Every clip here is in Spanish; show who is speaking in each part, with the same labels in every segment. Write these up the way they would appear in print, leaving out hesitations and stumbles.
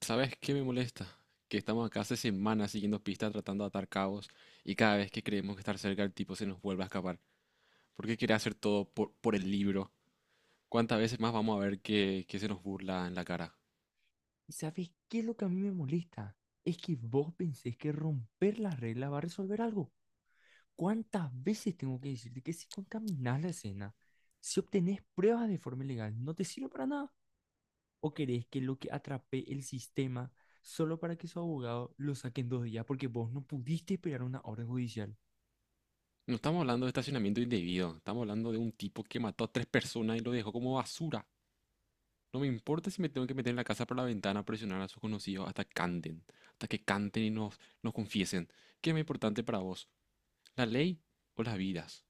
Speaker 1: ¿Sabes qué me molesta? Que estamos acá hace semanas siguiendo pistas, tratando de atar cabos, y cada vez que creemos que estar cerca el tipo se nos vuelve a escapar. ¿Por qué quiere hacer todo por el libro? ¿Cuántas veces más vamos a ver que se nos burla en la cara?
Speaker 2: ¿Y sabes qué es lo que a mí me molesta? Es que vos pensés que romper la regla va a resolver algo. ¿Cuántas veces tengo que decirte que si contaminás la escena, si obtenés pruebas de forma ilegal, no te sirve para nada? ¿O querés que lo que atrape el sistema solo para que su abogado lo saque en 2 días porque vos no pudiste esperar una orden judicial?
Speaker 1: No estamos hablando de estacionamiento indebido, estamos hablando de un tipo que mató a tres personas y lo dejó como basura. No me importa si me tengo que meter en la casa por la ventana a presionar a sus conocidos hasta canten, hasta que canten y nos confiesen. ¿Qué es más importante para vos? ¿La ley o las vidas?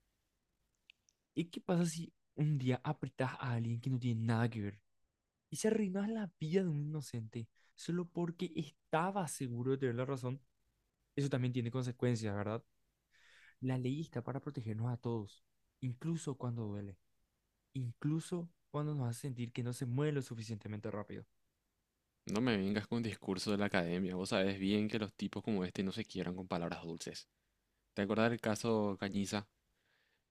Speaker 2: ¿Y qué pasa si un día apretás a alguien que no tiene nada que ver y se arruinás la vida de un inocente solo porque estaba seguro de tener la razón? Eso también tiene consecuencias, ¿verdad? La ley está para protegernos a todos, incluso cuando duele, incluso cuando nos hace sentir que no se mueve lo suficientemente rápido.
Speaker 1: No me vengas con discurso de la academia. Vos sabés bien que los tipos como este no se quieran con palabras dulces. ¿Te acordás del caso Cañiza?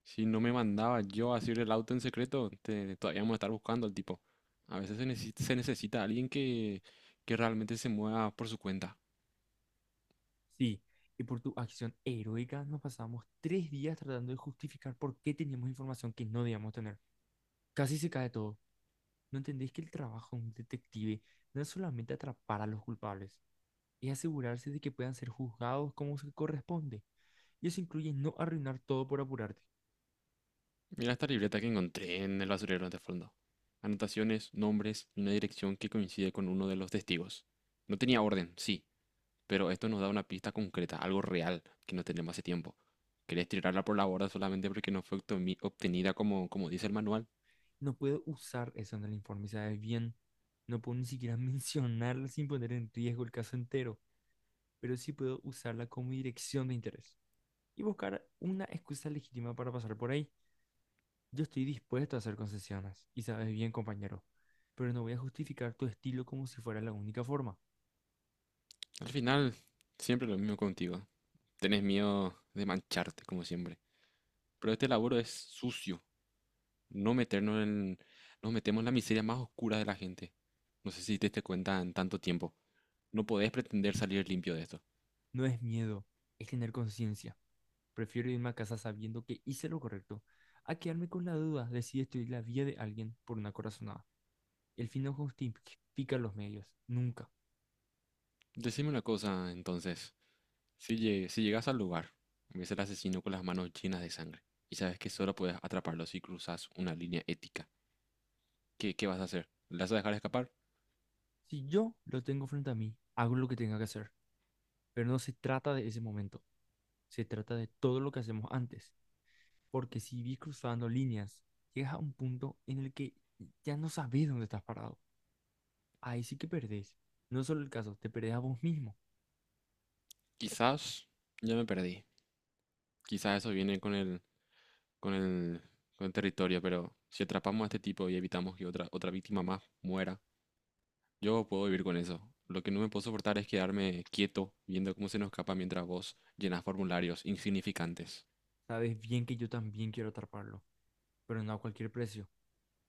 Speaker 1: Si no me mandaba yo a hacer el auto en secreto, todavía vamos a estar buscando al tipo. A veces se necesita alguien que realmente se mueva por su cuenta.
Speaker 2: Sí, y por tu acción heroica nos pasamos 3 días tratando de justificar por qué teníamos información que no debíamos tener. Casi se cae todo. No entendéis que el trabajo de un detective no es solamente atrapar a los culpables, es asegurarse de que puedan ser juzgados como se corresponde. Y eso incluye no arruinar todo por apurarte.
Speaker 1: Mira esta libreta que encontré en el basurero de fondo. Anotaciones, nombres y una dirección que coincide con uno de los testigos. No tenía orden, sí, pero esto nos da una pista concreta, algo real que no tenemos hace tiempo. ¿Querés tirarla por la borda solamente porque no fue obtenida como dice el manual?
Speaker 2: No puedo usar eso en el informe, ¿sabes bien? No puedo ni siquiera mencionarla sin poner en riesgo el caso entero, pero sí puedo usarla como dirección de interés y buscar una excusa legítima para pasar por ahí. Yo estoy dispuesto a hacer concesiones, y sabes bien, compañero, pero no voy a justificar tu estilo como si fuera la única forma.
Speaker 1: Al final, siempre lo mismo contigo. Tenés miedo de mancharte, como siempre. Pero este laburo es sucio. No meternos en... Nos metemos en la miseria más oscura de la gente. No sé si te diste cuenta en tanto tiempo. No podés pretender salir limpio de esto.
Speaker 2: No es miedo, es tener conciencia. Prefiero irme a casa sabiendo que hice lo correcto, a quedarme con la duda de si destruir la vida de alguien por una corazonada. El fin no justifica los medios, nunca.
Speaker 1: Decime una cosa, entonces. Si llegas al lugar, ves al asesino con las manos llenas de sangre y sabes que solo puedes atraparlo si cruzas una línea ética. ¿Qué vas a hacer? ¿Le vas a dejar escapar?
Speaker 2: Si yo lo tengo frente a mí, hago lo que tenga que hacer, pero no se trata de ese momento, se trata de todo lo que hacemos antes, porque si vi cruzando líneas, llegas a un punto en el que ya no sabes dónde estás parado. Ahí sí que perdés. No es solo el caso, te perdés a vos mismo.
Speaker 1: Quizás ya me perdí. Quizás eso viene con el, con el territorio, pero si atrapamos a este tipo y evitamos que otra víctima más muera, yo puedo vivir con eso. Lo que no me puedo soportar es quedarme quieto viendo cómo se nos escapa mientras vos llenas formularios insignificantes.
Speaker 2: Sabes bien que yo también quiero atraparlo, pero no a cualquier precio.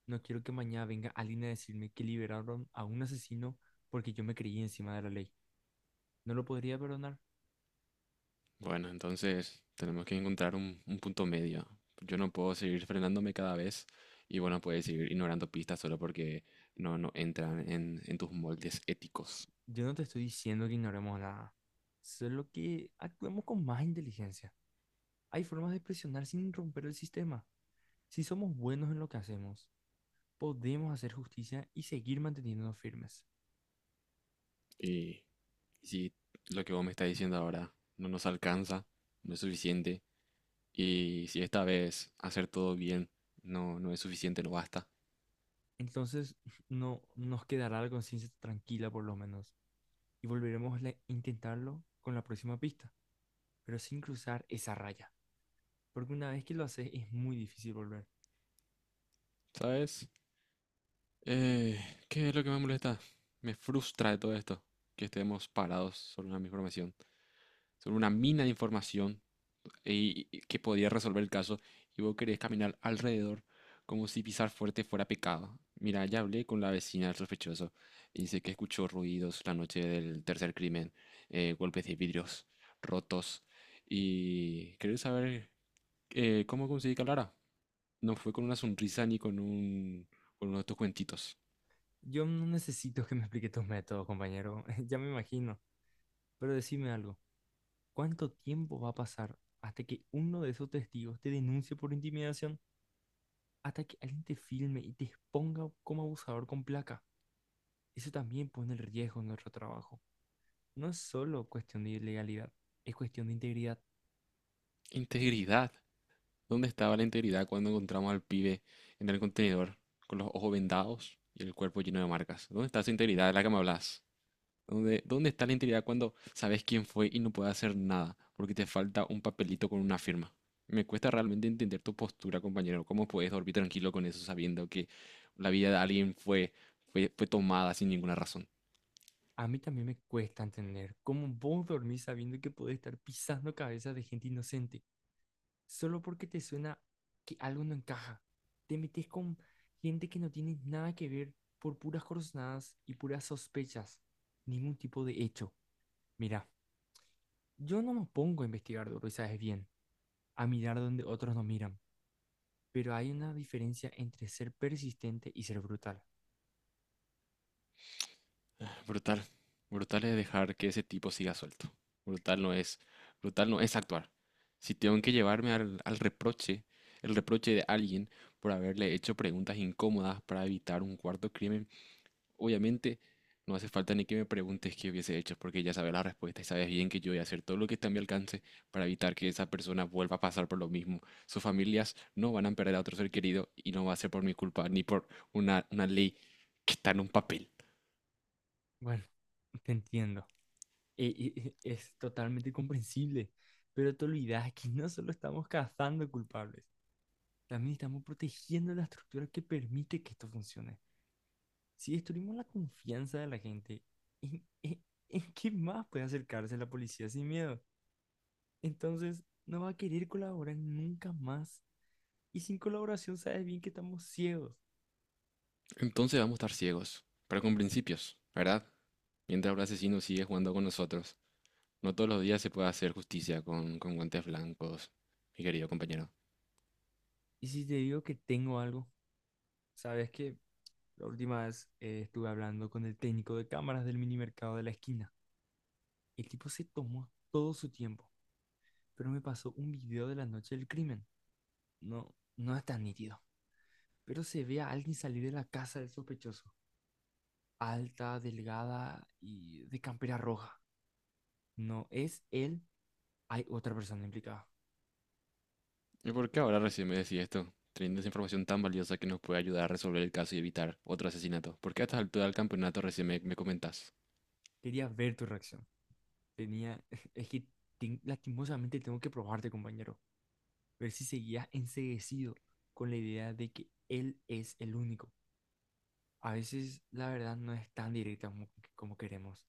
Speaker 2: No quiero que mañana venga alguien a decirme que liberaron a un asesino porque yo me creí encima de la ley. No lo podría perdonar.
Speaker 1: Bueno, entonces tenemos que encontrar un punto medio. Yo no puedo seguir frenándome cada vez y bueno, puedes seguir ignorando pistas solo porque no entran en tus moldes éticos.
Speaker 2: Yo no te estoy diciendo que ignoremos nada, solo que actuemos con más inteligencia. Hay formas de presionar sin romper el sistema. Si somos buenos en lo que hacemos, podemos hacer justicia y seguir manteniéndonos firmes.
Speaker 1: Y si lo que vos me estás diciendo ahora no nos alcanza, no es suficiente, y si esta vez hacer todo bien no es suficiente, no basta.
Speaker 2: Entonces, no nos quedará la conciencia tranquila por lo menos y volveremos a intentarlo con la próxima pista, pero sin cruzar esa raya, porque una vez que lo haces es muy difícil volver.
Speaker 1: ¿Sabes? Eh, ¿Qué es lo que me molesta? Me frustra de todo esto, que estemos parados sobre una misma formación sobre una mina de información y que podía resolver el caso y vos querés caminar alrededor como si pisar fuerte fuera pecado. Mira, ya hablé con la vecina del sospechoso y dice que escuchó ruidos la noche del tercer crimen, golpes de vidrios rotos y querés saber cómo conseguí que hablara. No fue con una sonrisa ni con un con uno de tus cuentitos.
Speaker 2: Yo no necesito que me explique tus métodos, compañero, ya me imagino, pero decime algo. ¿Cuánto tiempo va a pasar hasta que uno de esos testigos te denuncie por intimidación? Hasta que alguien te filme y te exponga como abusador con placa. Eso también pone en riesgo nuestro trabajo. No es solo cuestión de ilegalidad, es cuestión de integridad.
Speaker 1: Integridad. ¿Dónde estaba la integridad cuando encontramos al pibe en el contenedor con los ojos vendados y el cuerpo lleno de marcas? ¿Dónde está esa integridad de la que me hablas? ¿Dónde está la integridad cuando sabes quién fue y no puedes hacer nada porque te falta un papelito con una firma? Me cuesta realmente entender tu postura, compañero. ¿Cómo puedes dormir tranquilo con eso sabiendo que la vida de alguien fue tomada sin ninguna razón?
Speaker 2: A mí también me cuesta entender cómo vos dormís sabiendo que podés estar pisando cabezas de gente inocente, solo porque te suena que algo no encaja. Te metes con gente que no tiene nada que ver por puras corazonadas y puras sospechas, ningún tipo de hecho. Mira, yo no me pongo a investigar duro y sabes bien, a mirar donde otros no miran, pero hay una diferencia entre ser persistente y ser brutal.
Speaker 1: Brutal. Brutal es dejar que ese tipo siga suelto. Brutal no es, brutal no es actuar. Si tengo que llevarme al reproche, el reproche de alguien por haberle hecho preguntas incómodas para evitar un cuarto crimen, obviamente no hace falta ni que me preguntes qué hubiese hecho, porque ya sabes la respuesta y sabes bien que yo voy a hacer todo lo que está a mi alcance para evitar que esa persona vuelva a pasar por lo mismo. Sus familias no van a perder a otro ser querido y no va a ser por mi culpa ni por una ley que está en un papel.
Speaker 2: Bueno, te entiendo. Es totalmente comprensible, pero te olvidas que no solo estamos cazando culpables, también estamos protegiendo la estructura que permite que esto funcione. Si destruimos la confianza de la gente, ¿en, en- en qué más puede acercarse la policía sin miedo? Entonces, no va a querer colaborar nunca más. Y sin colaboración sabes bien que estamos ciegos.
Speaker 1: Entonces vamos a estar ciegos, pero con principios, ¿verdad? Mientras el asesino sigue jugando con nosotros. No todos los días se puede hacer justicia con guantes blancos, mi querido compañero.
Speaker 2: Y si te digo que tengo algo, sabes que la última vez estuve hablando con el técnico de cámaras del mini mercado de la esquina. El tipo se tomó todo su tiempo, pero me pasó un video de la noche del crimen. No, no es tan nítido, pero se ve a alguien salir de la casa del sospechoso. Alta, delgada y de campera roja. No es él, hay otra persona implicada.
Speaker 1: ¿Y por qué ahora recién me decís esto? Teniendo esa información tan valiosa que nos puede ayudar a resolver el caso y evitar otro asesinato. ¿Por qué a esta altura del campeonato recién me comentás?
Speaker 2: Quería ver tu reacción. Tenía, es que lastimosamente tengo que probarte, compañero. Ver si seguías enceguecido con la idea de que él es el único. A veces la verdad no es tan directa como queremos.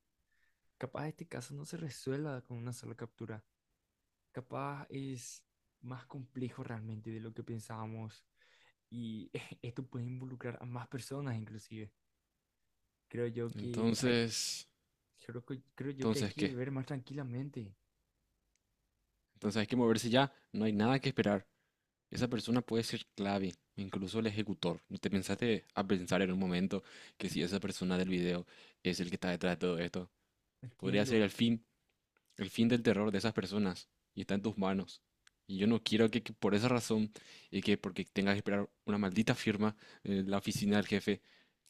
Speaker 2: Capaz este caso no se resuelva con una sola captura. Capaz es más complejo realmente de lo que pensábamos y esto puede involucrar a más personas inclusive. Creo yo que hay,
Speaker 1: Entonces…
Speaker 2: creo, que- creo yo que hay
Speaker 1: ¿Entonces
Speaker 2: que
Speaker 1: qué?
Speaker 2: ver más tranquilamente.
Speaker 1: Entonces hay que moverse ya. No hay nada que esperar. Esa persona puede ser clave, incluso el ejecutor. ¿No te pensaste a pensar en un momento que si esa persona del video es el que está detrás de todo esto? Podría ser
Speaker 2: Entiendo.
Speaker 1: el fin del terror de esas personas y está en tus manos. Y yo no quiero que por esa razón y que porque tengas que esperar una maldita firma en la oficina del jefe,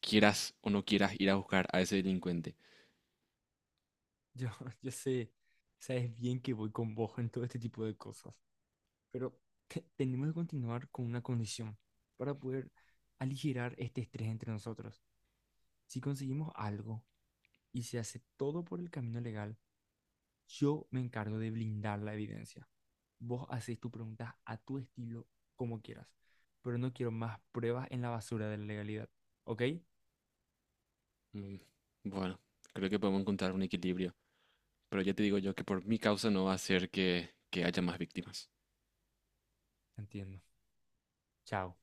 Speaker 1: quieras o no quieras ir a buscar a ese delincuente.
Speaker 2: Yo, yo sé, sabes bien que voy con vos en todo este tipo de cosas, pero tenemos que continuar con una condición para poder aligerar este estrés entre nosotros. Si conseguimos algo y se hace todo por el camino legal, yo me encargo de blindar la evidencia. Vos haces tus preguntas a tu estilo, como quieras, pero no quiero más pruebas en la basura de la legalidad. ¿Ok?
Speaker 1: Mm, Bueno, creo que podemos encontrar un equilibrio, pero ya te digo yo que por mi causa no va a ser que haya más víctimas.
Speaker 2: Entiendo. Chao.